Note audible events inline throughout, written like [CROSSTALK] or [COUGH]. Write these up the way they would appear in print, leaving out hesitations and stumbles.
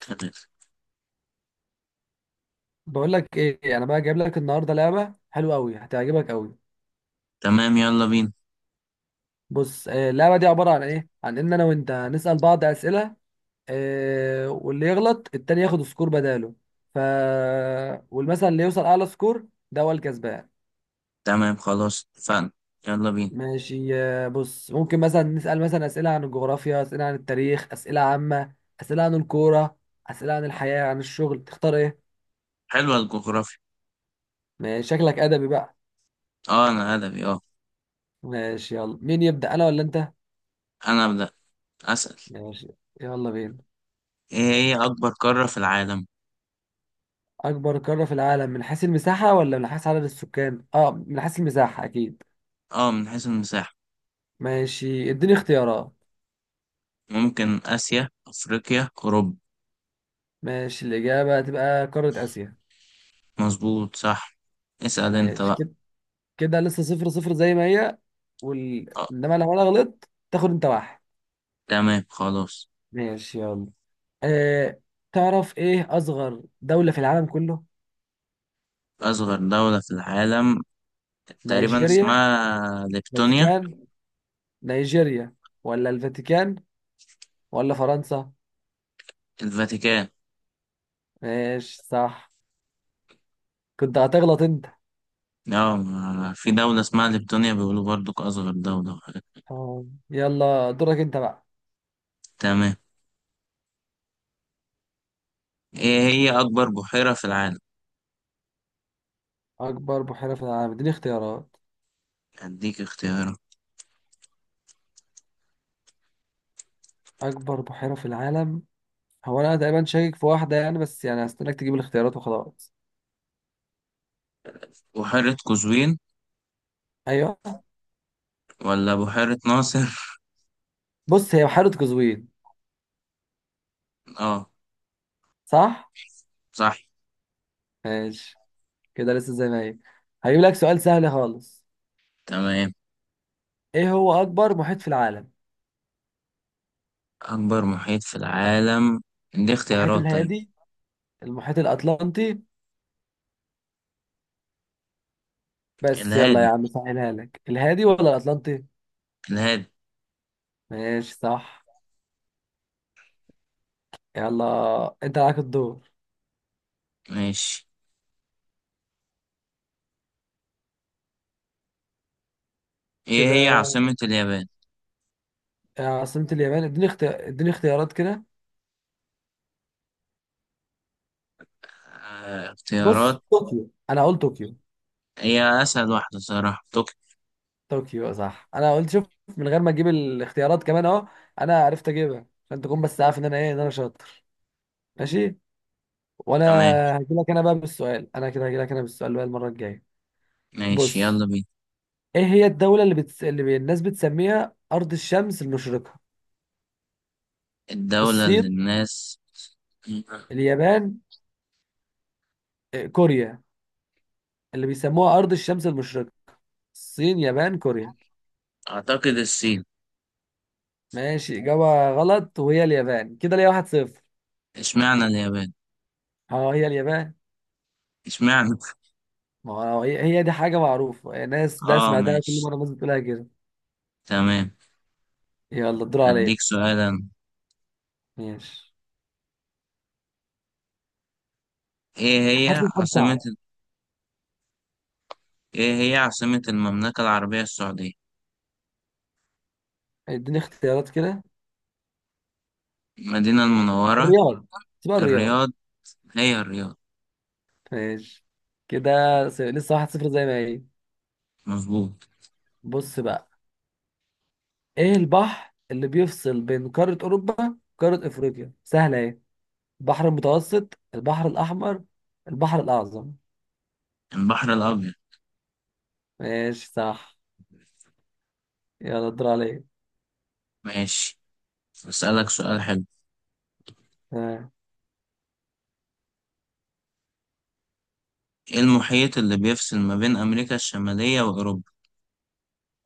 تمام. بقول لك ايه، انا بقى جايب لك النهارده لعبه حلوه قوي هتعجبك قوي. تمام، يلا بينا. بص اللعبه دي عباره عن ايه؟ عن ان انا وانت هنسال بعض اسئله. واللي يغلط التاني ياخد سكور بداله. ف والمثلا اللي يوصل اعلى سكور ده هو الكسبان. تمام خلاص اتفقنا. يلا بينا. ماشي. بص، ممكن مثلا نسال مثلا اسئله عن الجغرافيا، اسئله عن التاريخ، اسئله عامه، اسئله عن الكوره، اسئله عن الحياه، عن الشغل، تختار ايه؟ حلوة الجغرافيا. ماشي، شكلك ادبي بقى. اه انا ادبي اه. ماشي، يلا مين يبدا انا ولا انت؟ انا ابدأ. اسأل. ماشي، يلا بينا. ايه هي اكبر قارة في العالم؟ أكبر قارة في العالم من حيث المساحة ولا من حيث عدد السكان؟ أه، من حيث المساحة أكيد. اه، من حيث المساحة. ماشي، اديني اختيارات. ممكن اسيا، افريقيا، اوروبا. ماشي، الإجابة هتبقى قارة آسيا. مظبوط صح. اسأل انت ماشي بقى. كده. كده لسه صفر صفر زي ما هي. اه. إنما لو أنا غلطت تاخد أنت واحد. تمام خلاص. ماشي يلا. أه... تعرف إيه أصغر دولة في العالم كله؟ اصغر دولة في العالم. تقريبا نيجيريا، اسمها ليبتونيا. فاتيكان، نيجيريا ولا الفاتيكان ولا فرنسا؟ الفاتيكان. ماشي صح، كنت هتغلط أنت. اه في دولة اسمها ليبتونيا بيقولوا برضو اصغر دولة وحاجات. آه. يلا دورك أنت بقى. تمام. ايه هي اكبر بحيرة في العالم؟ أكبر بحيرة في العالم، اديني اختيارات. أديك اختيارات. أكبر بحيرة في العالم، هو أنا تقريبا شاكك في واحدة يعني، بس يعني هستناك تجيب الاختيارات وخلاص. بحيرة قزوين، أيوه. ولا بحيرة ناصر؟ بص، هي بحيرة قزوين. [LAUGHS] اه. صح؟ صح. ماشي، كده لسه زي ما هي. هجيب لك سؤال سهل خالص. تمام. إيه هو أكبر محيط في العالم؟ أكبر محيط في العالم. دي المحيط اختيارات طيب. الهادي، المحيط الأطلنطي، بس يلا يا الهادي. عم سهلها لك، الهادي ولا الأطلنطي؟ الهادي. ماشي صح. يلا أنت عليك الدور. ماشي. ايه هي كده، عاصمة اليابان؟ عاصمة اليابان، اديني اختيارات كده. آه، بص، اختيارات. طوكيو، أنا هقول طوكيو. هي أسهل واحدة صراحة، طوكيو. طوكيو، صح، انا قلت شوف، من غير ما اجيب الاختيارات كمان اهو. انا عرفت اجيبها عشان تكون بس عارف ان انا ايه، ان انا شاطر. ماشي. وانا تمام. هجي لك انا بقى بالسؤال، انا كده هجي لك انا بالسؤال بقى المره الجايه. ماشي بص، يلا بينا. ايه هي الدوله اللي الناس بتسميها ارض الشمس المشرقه؟ الدولة الصين، اللي الناس. اليابان، كوريا، اللي بيسموها ارض الشمس المشرقه؟ الصين، يابان، كوريا؟ أعتقد الصين. ماشي، اجابه غلط، وهي اليابان، كده ليا واحد صفر. اشمعنى اليابان؟ اه هي اليابان. اشمعنى؟ ما هو هي دي حاجة معروفة، الناس ده اه سمعتها كل ماشي. مرة الناس بتقولها كده. تمام. يلا الدور هديك عليك. سؤالا. ماشي، ايه هات هي لي سؤال عاصمة. صعب. إيه هي عاصمة المملكة العربية السعودية؟ اديني اختيارات كده. المدينة المنورة، الرياض، سباق الرياض. الرياض، هي الرياض، ماشي كده. لسه واحد صفر زي ما هي. مظبوط. بص بقى، ايه البحر اللي بيفصل بين قارة اوروبا وقارة افريقيا؟ سهلة ايه، البحر المتوسط، البحر الاحمر، البحر الاعظم؟ البحر الأبيض. ماشي صح. يلا الدور عليك. ماشي، بسألك سؤال حلو. تمام. إيه المحيط اللي بيفصل ما بين أمريكا الشمالية وأوروبا؟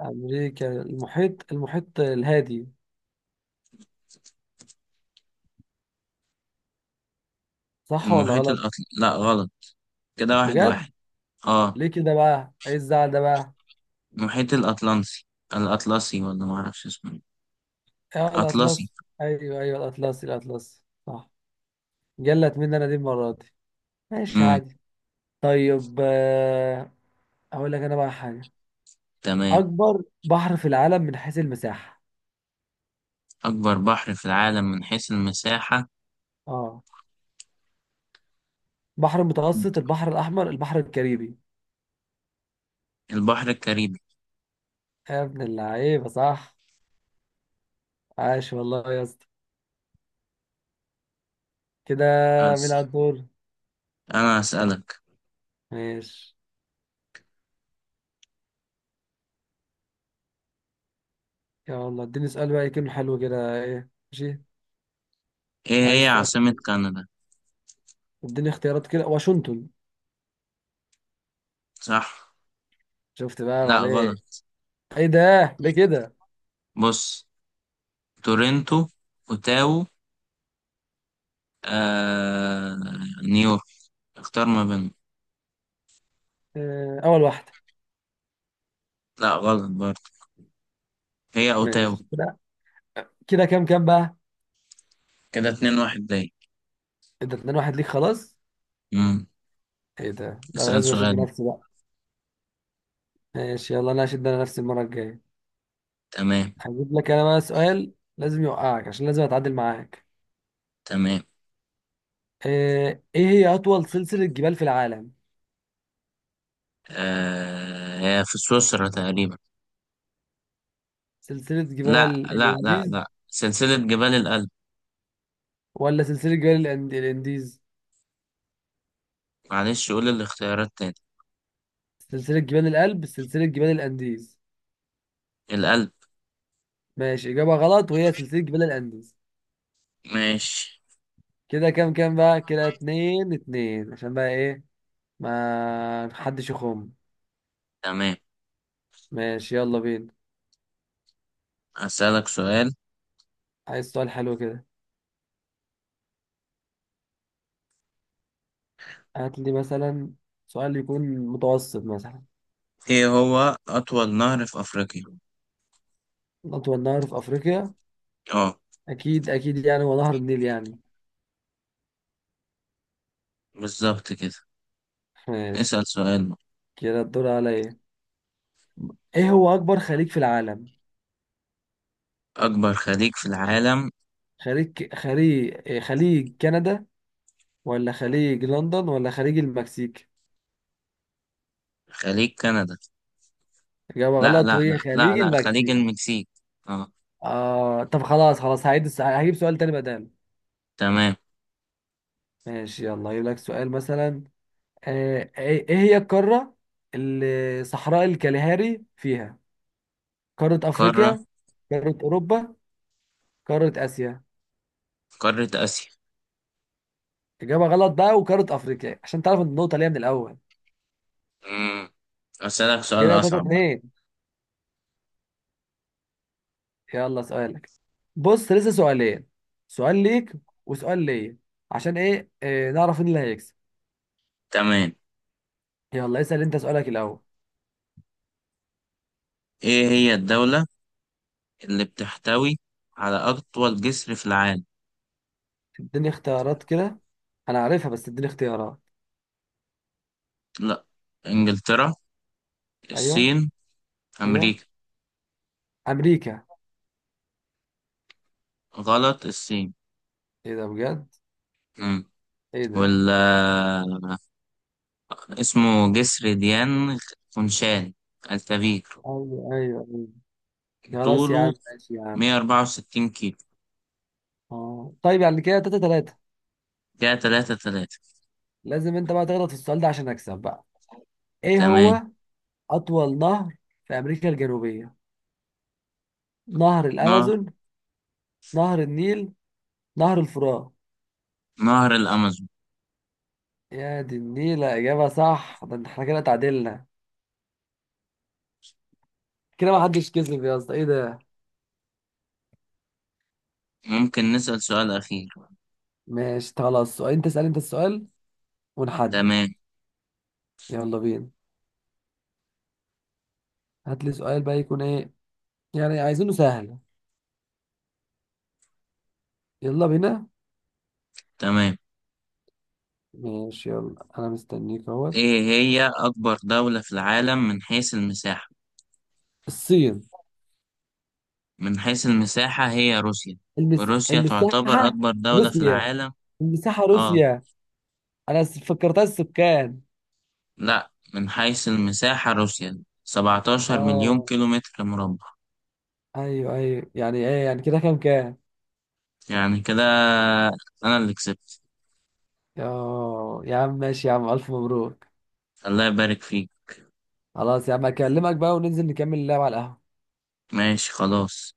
امريكا، المحيط الهادي. صح ولا غلط؟ لا غلط، كده واحد بجد؟ واحد. آه، ليه كده بقى؟ ايه الزعل ده بقى. المحيط الأطلنسي، الأطلسي ولا معرفش اسمه، إيه. اه أطلسي. الاطلس. ايوه ايوه، الاطلس صح. جلت مني انا دي المره دي. ماشي امم عادي. طيب اقول لك انا بقى حاجه. تمام. اكبر بحر في العالم من حيث المساحه. أكبر بحر في العالم من حيث المساحة، اه، بحر المتوسط، البحر الاحمر، البحر الكاريبي. البحر الكاريبي. يا ابن اللعيبه صح. عاش والله يا اسطى. كده، مين على بس الدور؟ أنا هسألك، ماشي، يلا اديني سؤال بقى يكون حلو كده، ايه، ماشي. إيه هي عايز سؤال عاصمة حلو. كندا؟ اديني اختيارات كده. واشنطن. صح. شفت بقى لا غلط. عليك. ايه ده، ليه كده؟ بص. تورنتو، اوتاو، آه... نيويورك. اختار ما بينهم. اول واحده. لا غلط برضه، هي اوتاو. ماشي كده. كده كام كام بقى؟ كده اتنين واحد ليا. ايه ده اتنين واحد ليك؟ خلاص، امم ايه ده، ده انا اسأل لازم اشد سؤال. نفسي بقى. ماشي يلا، انا هشد انا نفسي المره الجايه. تمام. هجيب لك انا بقى سؤال لازم يوقعك عشان لازم اتعادل معاك. تمام. ايه هي اطول سلسله جبال في العالم؟ هي في سويسرا تقريبا. سلسله لا جبال لا لا الانديز لا، سلسلة جبال الألب. ولا سلسله الانديز؟ معلش قول الاختيارات تاني. سلسله جبال الألب، سلسله جبال الانديز. الألب. ماشي، اجابه غلط، وهي سلسله جبال الانديز. ماشي. كده كام كام بقى؟ كده اتنين اتنين، عشان بقى ايه، ما حدش يخم. تمام. ماشي يلا بينا. هسألك سؤال. عايز سؤال حلو كده، هات لي مثلا سؤال يكون متوسط مثلا. ايه هو أطول نهر في أفريقيا؟ أطول نهر في أفريقيا. اه، أكيد يعني هو نهر النيل يعني. بالظبط كده. ماشي. اسأل سؤال. كده الدور عليا. إيه هو أكبر خليج في العالم؟ أكبر خليج في العالم. خليج إيه، خليج كندا ولا خليج لندن ولا خليج المكسيك؟ خليج كندا. إجابة لا غلط، لا لا وهي لا خليج لا، خليج المكسيك. المكسيك. اه. آه، طب خلاص خلاص، هجيب سؤال تاني بداله. تمام. ماشي يلا، هجيب لك سؤال مثلا. آه، ايه إيه هي القارة اللي صحراء الكالهاري فيها؟ قارة قارة. افريقيا، قارة اوروبا، قارة اسيا؟ قارة آسيا. اجابة غلط بقى، وقارة افريقيا، عشان تعرف النقطة ليها من الاول. مم. أسألك سؤال كده 3 أصعب بقى. 2. يلا سؤالك. بص لسه سؤالين، سؤال ليك وسؤال ليا، عشان ايه نعرف مين اللي هيكسب. تمام. يلا اسأل انت سؤالك الاول. إيه هي الدولة اللي بتحتوي على أطول جسر في العالم؟ اديني اختيارات كده، انا عارفها بس اديني اختيارات. لا. إنجلترا، ايوه. الصين، ايوه، أمريكا. امريكا. غلط، الصين. ايه ده بجد؟ مم. ايه ده؟ ولا اسمه جسر ديان خونشان الكبير. ايوه ايوه أيوه. خلاص يا عم، طوله ماشي يا عم. 164 كيلو. اه طيب، يعني كده تلاتة تلاتة. كده 3. لازم انت بقى تغلط في السؤال ده عشان اكسب بقى. ايه تمام. هو اطول نهر في امريكا الجنوبية؟ نهر نهر الامازون، نهر النيل، نهر الفرات. نهر الأمازون. يا دي النيل، اجابة صح، ده احنا كده تعادلنا. كده ما حدش كسب يا اسطى، ايه ده. ممكن نسأل سؤال أخير؟ ماشي خلاص، سؤال، انت اسأل انت السؤال ونحدد. تمام. يلا بينا. هات لي سؤال بقى يكون ايه، يعني عايزينه سهل. يلا بينا. تمام. ماشي يلا، انا مستنيك اهوت. إيه هي أكبر دولة في العالم من حيث المساحة؟ الصين. من حيث المساحة هي روسيا. روسيا تعتبر المساحة؟ أكبر دولة في روسيا. العالم. المساحة آه. روسيا. أنا فكرتها السكان. لأ، من حيث المساحة روسيا 17 مليون آه. كيلومتر مربع. أيوه أيوه، يعني إيه، يعني كده كام كام؟ يعني كده أنا اللي كسبت. آه يا عم ماشي يا عم، ألف مبروك. الله يبارك فيك. خلاص يا عم، أكلمك بقى وننزل نكمل اللعب على القهوة. ماشي خلاص.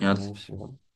يلا ماشي.